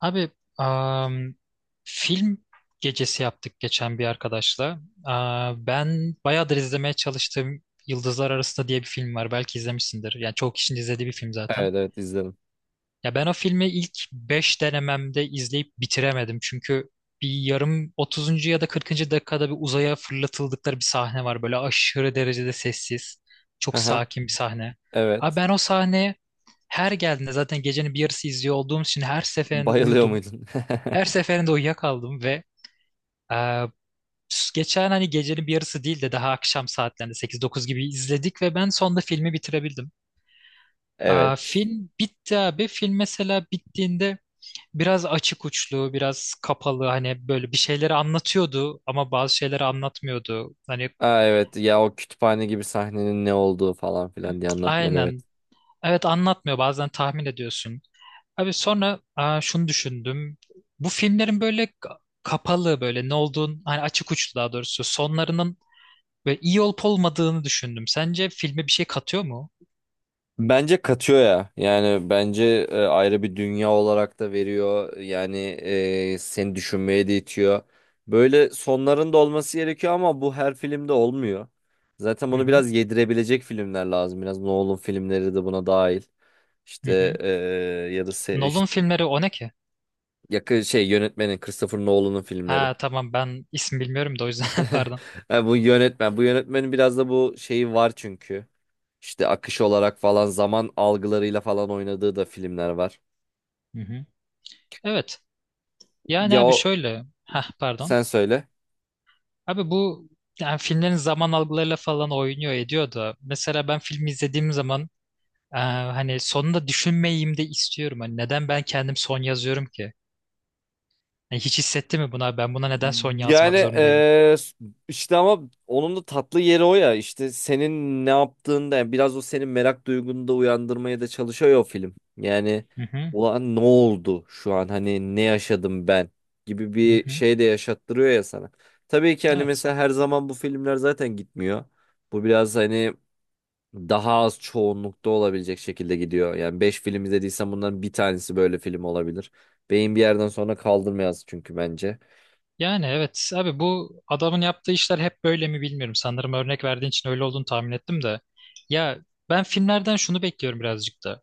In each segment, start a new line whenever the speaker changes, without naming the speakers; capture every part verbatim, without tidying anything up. Abi am, film gecesi yaptık geçen bir arkadaşla. Aa, ben bayağıdır izlemeye çalıştığım Yıldızlar Arasında diye bir film var. Belki izlemişsindir. Yani çoğu kişinin izlediği bir film zaten.
Evet evet, izledim.
Ya ben o filmi ilk beş denememde izleyip bitiremedim. Çünkü bir yarım otuzuncu ya da kırkıncı dakikada bir uzaya fırlatıldıkları bir sahne var. Böyle aşırı derecede sessiz. Çok
Aha,
sakin bir sahne. Abi
evet.
ben o sahne her geldiğinde zaten gecenin bir yarısı izliyor olduğum için her seferinde
Bayılıyor
uyudum.
muydun?
Her seferinde uyuyakaldım ve e, geçen hani gecenin bir yarısı değil de daha akşam saatlerinde sekiz dokuz gibi izledik ve ben sonunda filmi bitirebildim. E,
Evet.
film bitti abi. Film mesela bittiğinde biraz açık uçlu, biraz kapalı hani böyle bir şeyleri anlatıyordu ama bazı şeyleri anlatmıyordu. Hani
Aa, evet ya, o kütüphane gibi sahnenin ne olduğu falan filan diye anlatmıyor, evet.
aynen evet anlatmıyor bazen tahmin ediyorsun. Abi sonra e, şunu düşündüm. Bu filmlerin böyle kapalı böyle ne olduğunu hani açık uçlu daha doğrusu sonlarının ve iyi olup olmadığını düşündüm. Sence filme bir şey katıyor mu?
Bence katıyor ya. Yani bence e, ayrı bir dünya olarak da veriyor. Yani e, seni düşünmeye de itiyor. Böyle sonlarında olması gerekiyor ama bu her filmde olmuyor. Zaten
Hı
bunu
hı.
biraz yedirebilecek filmler lazım. Biraz Nolan filmleri de buna dahil.
Hı
İşte
hı.
e, ya da se-
Nolan filmleri o ne ki?
yakın şey, yönetmenin, Christopher Nolan'ın filmleri.
Ha tamam ben isim bilmiyorum da o yüzden pardon.
Ha, bu yönetmen bu yönetmenin biraz da bu şeyi var çünkü. İşte akış olarak falan, zaman algılarıyla falan oynadığı da filmler var.
Hı hı. Evet. Yani
Ya
abi
o,
şöyle. Ha pardon.
sen söyle.
Abi bu yani filmlerin zaman algılarıyla falan oynuyor ediyor da. Mesela ben filmi izlediğim zaman e, hani sonunda düşünmeyeyim de istiyorum. Hani neden ben kendim son yazıyorum ki? Yani hiç hissetti mi buna? Ben buna neden son
Yani
yazmak zorundayım?
eee, işte ama onun da tatlı yeri o ya, işte senin ne yaptığında, yani biraz o senin merak duygunu da uyandırmaya da çalışıyor ya o film. Yani
Hı hı.
ulan ne oldu şu an, hani ne yaşadım ben, gibi
Hı
bir
hı.
şey de yaşattırıyor ya sana. Tabii ki hani,
Evet.
mesela her zaman bu filmler zaten gitmiyor. Bu biraz hani daha az çoğunlukta olabilecek şekilde gidiyor. Yani beş film izlediysen bunların bir tanesi böyle film olabilir. Beyin bir yerden sonra kaldırmayız çünkü, bence.
Yani evet abi bu adamın yaptığı işler hep böyle mi bilmiyorum. Sanırım örnek verdiğin için öyle olduğunu tahmin ettim de. Ya ben filmlerden şunu bekliyorum birazcık da.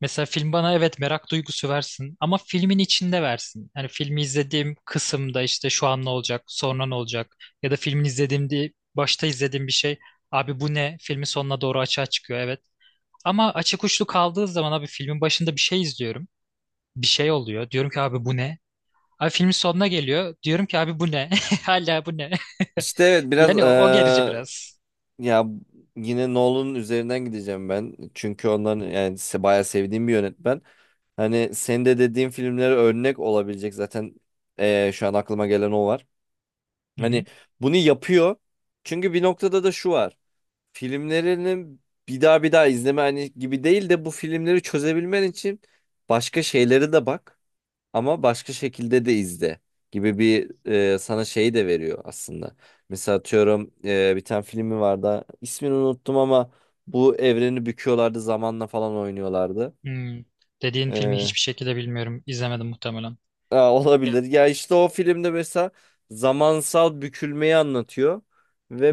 Mesela film bana evet merak duygusu versin ama filmin içinde versin. Yani filmi izlediğim kısımda işte şu an ne olacak, sonra ne olacak ya da filmin izlediğimde başta izlediğim bir şey abi bu ne? Filmin sonuna doğru açığa çıkıyor evet. Ama açık uçlu kaldığı zaman abi filmin başında bir şey izliyorum. Bir şey oluyor. Diyorum ki abi bu ne? Abi filmin sonuna geliyor. Diyorum ki abi bu ne? Hala bu ne?
İşte evet biraz
Yani o, o gerici
eee,
biraz.
ya yine Nolan'ın üzerinden gideceğim ben. Çünkü onların yani se- bayağı sevdiğim bir yönetmen. Hani senin de dediğin filmlere örnek olabilecek zaten, eee, şu an aklıma gelen o var.
Hı
Hani
hı.
bunu yapıyor. Çünkü bir noktada da şu var: filmlerini bir daha bir daha izleme, hani gibi değil de, bu filmleri çözebilmen için başka şeyleri de bak, ama başka şekilde de izle gibi bir e, sana şeyi de veriyor aslında. Mesela atıyorum, e, bir tane filmi vardı. İsmini unuttum ama bu evreni büküyorlardı, zamanla falan oynuyorlardı.
Hmm. Dediğin filmi
E,
hiçbir şekilde bilmiyorum. İzlemedim muhtemelen.
ha,
Ya.
olabilir. Ya işte o filmde mesela zamansal bükülmeyi anlatıyor.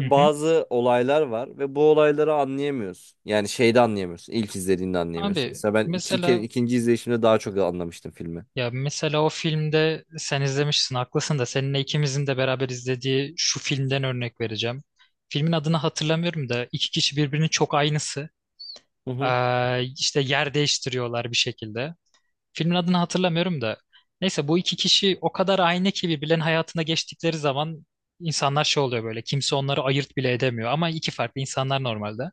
Hı hı.
bazı olaylar var ve bu olayları anlayamıyorsun. Yani şeyde anlayamıyorsun. İlk izlediğinde anlayamıyorsun.
Abi
Mesela ben iki, ke-
mesela
ikinci izleyişimde daha çok anlamıştım filmi.
ya mesela o filmde sen izlemişsin haklısın da seninle ikimizin de beraber izlediği şu filmden örnek vereceğim. Filmin adını hatırlamıyorum da iki kişi birbirinin çok aynısı.
Hı hı.
Ee, işte yer değiştiriyorlar bir şekilde. Filmin adını hatırlamıyorum da. Neyse bu iki kişi o kadar aynı ki birbirlerinin hayatına geçtikleri zaman insanlar şey oluyor böyle. Kimse onları ayırt bile edemiyor ama iki farklı insanlar normalde.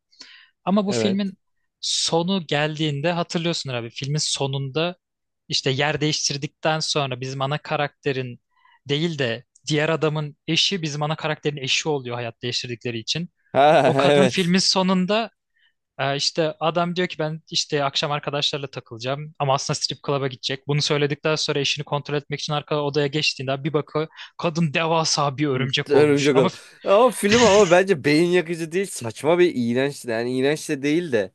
Ama bu
Evet.
filmin sonu geldiğinde hatırlıyorsun abi. Filmin sonunda işte yer değiştirdikten sonra bizim ana karakterin değil de diğer adamın eşi bizim ana karakterin eşi oluyor hayat değiştirdikleri için.
Ha,
O kadın
evet.
filmin sonunda ee, işte adam diyor ki ben işte akşam arkadaşlarla takılacağım ama aslında strip club'a gidecek. Bunu söyledikten sonra eşini kontrol etmek için arka odaya geçtiğinde bir bakıyor kadın devasa bir
Bitti,
örümcek olmuş.
Örümcek
Ama
Adam. Ama film ama bence beyin yakıcı değil. Saçma, bir iğrençti. Yani iğrenç de değil de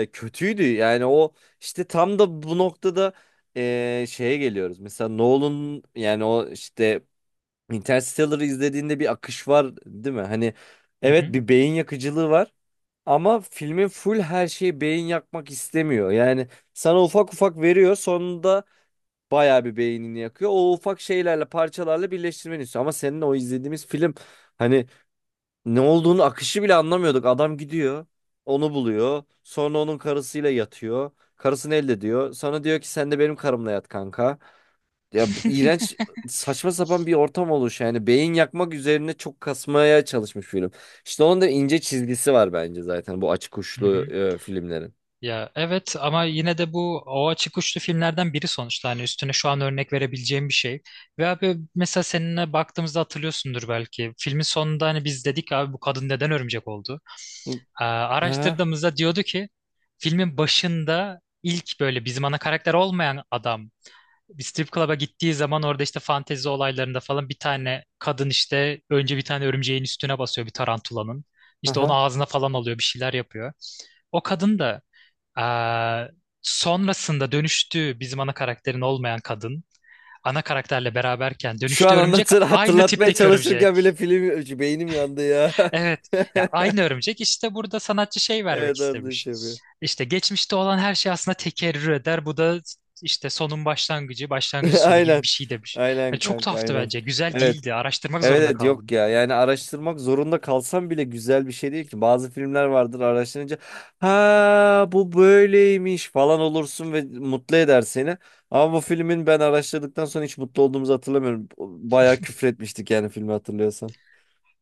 e, kötüydü. Yani o işte tam da bu noktada e, şeye geliyoruz. Mesela Nolan, yani o işte Interstellar'ı izlediğinde bir akış var değil mi? Hani
hı
evet,
hı,
bir beyin yakıcılığı var. Ama filmin full her şeyi beyin yakmak istemiyor. Yani sana ufak ufak veriyor. Sonunda bayağı bir beynini yakıyor. O ufak şeylerle, parçalarla birleştirmeni istiyor. Ama senin o izlediğimiz film, hani ne olduğunu, akışı bile anlamıyorduk. Adam gidiyor, onu buluyor. Sonra onun karısıyla yatıyor. Karısını elde ediyor. Sonra diyor ki, sen de benim karımla yat kanka. Ya iğrenç, saçma sapan bir ortam oluş, yani beyin yakmak üzerine çok kasmaya çalışmış film. İşte onun da ince çizgisi var bence, zaten bu açık
hı
uçlu
hı.
e, filmlerin.
Ya evet ama yine de bu o açık uçlu filmlerden biri sonuçta hani üstüne şu an örnek verebileceğim bir şey. Ve abi mesela seninle baktığımızda hatırlıyorsundur belki. Filmin sonunda hani biz dedik abi bu kadın neden örümcek oldu?
Hı.
Aa,
Ha,
araştırdığımızda diyordu ki filmin başında ilk böyle bizim ana karakter olmayan adam bir strip club'a gittiği zaman orada işte fantezi olaylarında falan bir tane kadın işte önce bir tane örümceğin üstüne basıyor bir tarantulanın. İşte onu
aha.
ağzına falan alıyor bir şeyler yapıyor. O kadın da ee, sonrasında dönüştüğü bizim ana karakterin olmayan kadın ana karakterle beraberken
Şu
dönüştüğü
an
örümcek
anlatır,
aynı
hatırlatmaya
tipteki
çalışırken bile
örümcek.
film, beynim yandı ya.
Evet ya aynı örümcek işte burada sanatçı şey vermek
Evet kardeş,
istemiş.
yapıyor.
İşte geçmişte olan her şey aslında tekerrür eder. Bu da işte sonun başlangıcı, başlangıcın sonu gibi bir
Aynen.
şey demiş.
Aynen
Hani çok
kanka,
tuhaftı
aynen.
bence. Güzel
Evet.
değildi. Araştırmak
Evet
zorunda
evet, yok
kaldım.
ya. Yani araştırmak zorunda kalsam bile güzel bir şey değil ki. Bazı filmler vardır, araştırınca ha bu böyleymiş falan olursun ve mutlu eder seni. Ama bu filmin, ben araştırdıktan sonra hiç mutlu olduğumuzu hatırlamıyorum. Bayağı küfür etmiştik, yani, filmi hatırlıyorsan.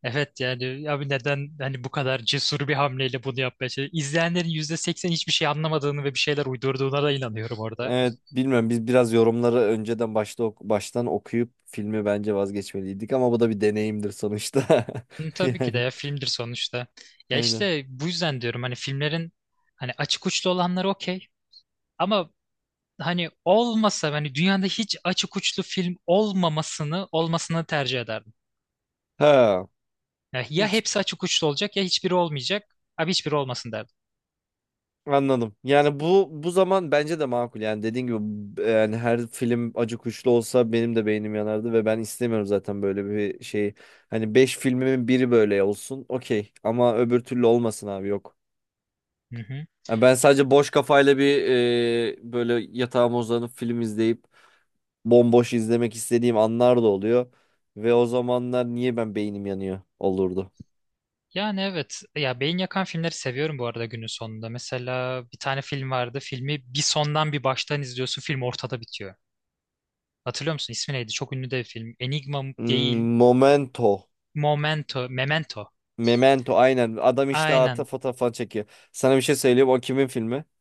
Evet yani abi neden hani bu kadar cesur bir hamleyle bunu yapmaya çalışıyor? İzleyenlerin yüzde seksen hiçbir şey anlamadığını ve bir şeyler uydurduğuna da inanıyorum orada.
Evet, bilmiyorum. Biz biraz yorumları önceden, başta ok- baştan okuyup filmi bence vazgeçmeliydik, ama bu da bir deneyimdir sonuçta.
Hı, tabii ki de
Yani,
ya filmdir sonuçta. Ya
aynen.
işte bu yüzden diyorum hani filmlerin hani açık uçlu olanları okey ama hani olmasa hani dünyada hiç açık uçlu film olmamasını olmasını tercih ederdim.
Ha,
Ya, ya hepsi açık uçlu olacak ya hiçbiri olmayacak. Abi hiçbiri olmasın derdim.
anladım. Yani bu, bu zaman bence de makul. Yani dediğin gibi, b- yani her film acı kuşlu olsa benim de beynim yanardı ve ben istemiyorum zaten böyle bir şey. Hani beş filmimin biri böyle olsun, okey, ama öbür türlü olmasın abi, yok.
Hı hı.
Yani ben sadece boş kafayla bir e, böyle yatağıma uzanıp film izleyip bomboş izlemek istediğim anlar da oluyor. Ve o zamanlar niye ben, beynim yanıyor olurdu.
Yani evet. Ya beyin yakan filmleri seviyorum bu arada günün sonunda. Mesela bir tane film vardı. Filmi bir sondan bir baştan izliyorsun. Film ortada bitiyor. Hatırlıyor musun? İsmi neydi? Çok ünlü de bir film. Enigma mı- değil.
Hmm, Momento.
Momento. Memento.
Memento, aynen. Adam işte ata
Aynen.
fotoğraf falan çekiyor. Sana bir şey söyleyeyim. O kimin filmi?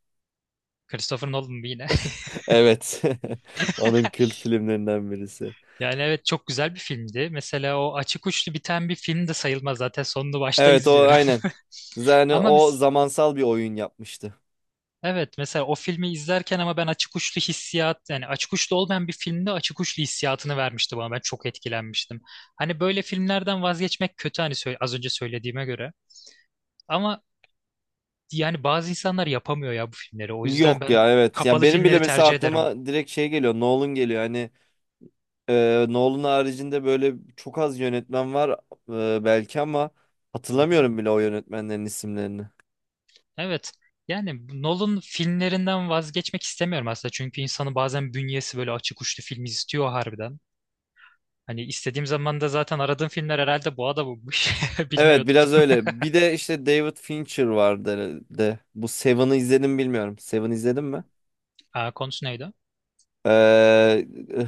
Christopher Nolan yine.
Evet. Onun kült filmlerinden birisi.
Yani evet çok güzel bir filmdi. Mesela o açık uçlu biten bir film de sayılmaz. Zaten sonunu başta
Evet o,
izliyorum.
aynen. Yani
Ama
o
biz
zamansal bir oyun yapmıştı.
evet mesela o filmi izlerken ama ben açık uçlu hissiyat yani açık uçlu olmayan bir filmde açık uçlu hissiyatını vermişti bana. Ben çok etkilenmiştim. Hani böyle filmlerden vazgeçmek kötü hani sö- az önce söylediğime göre. Ama yani bazı insanlar yapamıyor ya bu filmleri. O yüzden
Yok
ben
ya, evet. Ya
kapalı
benim bile
filmleri
mesela
tercih ederim.
aklıma direkt şey geliyor. Nolan geliyor. Hani Ee, Nolan haricinde böyle çok az yönetmen var e, belki, ama
Hı hı.
hatırlamıyorum bile o yönetmenlerin isimlerini.
Evet. Yani bu Nolan filmlerinden vazgeçmek istemiyorum aslında. Çünkü insanın bazen bünyesi böyle açık uçlu film istiyor harbiden. Hani istediğim zaman da zaten aradığım filmler herhalde bu adammış.
Evet,
Bilmiyordum.
biraz öyle. Bir de işte David Fincher vardı de. Bu Seven'ı izledim, bilmiyorum. Seven izledin mi?
Aa, konusu neydi?
Ee,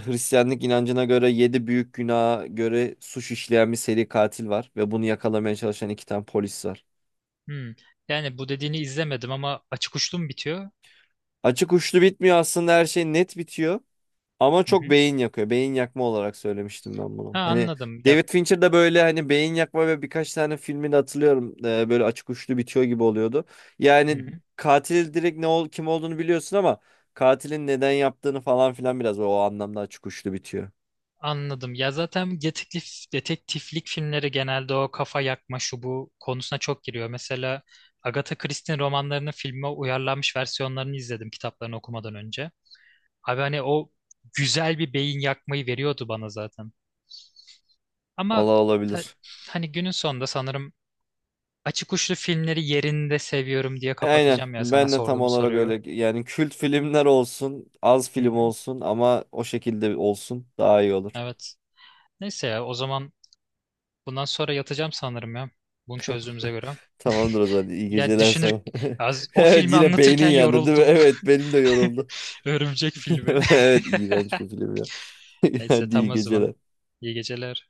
Hristiyanlık inancına göre yedi büyük günaha göre suç işleyen bir seri katil var ve bunu yakalamaya çalışan iki tane polis var.
Hmm. Yani bu dediğini izlemedim ama açık uçlu mu bitiyor?
Açık uçlu bitmiyor aslında, her şey net bitiyor. Ama
Hı
çok
hı.
beyin yakıyor. Beyin yakma olarak söylemiştim ben
Ha
bunu. Hani
anladım. Ya,
David Fincher'da böyle hani beyin yakma, ve birkaç tane filmini hatırlıyorum. Ee, böyle açık uçlu bitiyor gibi oluyordu.
hı
Yani
hı.
katil direkt ne ol kim olduğunu biliyorsun ama katilin neden yaptığını falan filan, biraz o anlamda açık uçlu bitiyor.
Anladım. Ya zaten detektif, detektiflik filmleri genelde o kafa yakma şu bu konusuna çok giriyor. Mesela Agatha Christie'nin romanlarının filme uyarlanmış versiyonlarını izledim kitaplarını okumadan önce. Abi hani o güzel bir beyin yakmayı veriyordu bana zaten. Ama
Ola
ta-
olabilir.
hani günün sonunda sanırım açık uçlu filmleri yerinde seviyorum diye
Aynen.
kapatacağım ya sana
Ben de tam
sorduğum
olarak
soruyu.
öyle. Yani kült filmler olsun, az
Hı
film
hı.
olsun ama o şekilde olsun, daha iyi olur.
Evet. Neyse ya o zaman bundan sonra yatacağım sanırım ya. Bunu çözdüğümüze göre.
Tamamdır o zaman. İyi
Ya
geceler
düşünür
sana.
az- o
Evet,
filmi
yine beynin
anlatırken
yandı değil mi?
yoruldum.
Evet, benim de yoruldu.
Örümcek filmi.
Evet, iğrenç bir film ya.
Neyse
Hadi,
tam
iyi
o zaman.
geceler.
İyi geceler.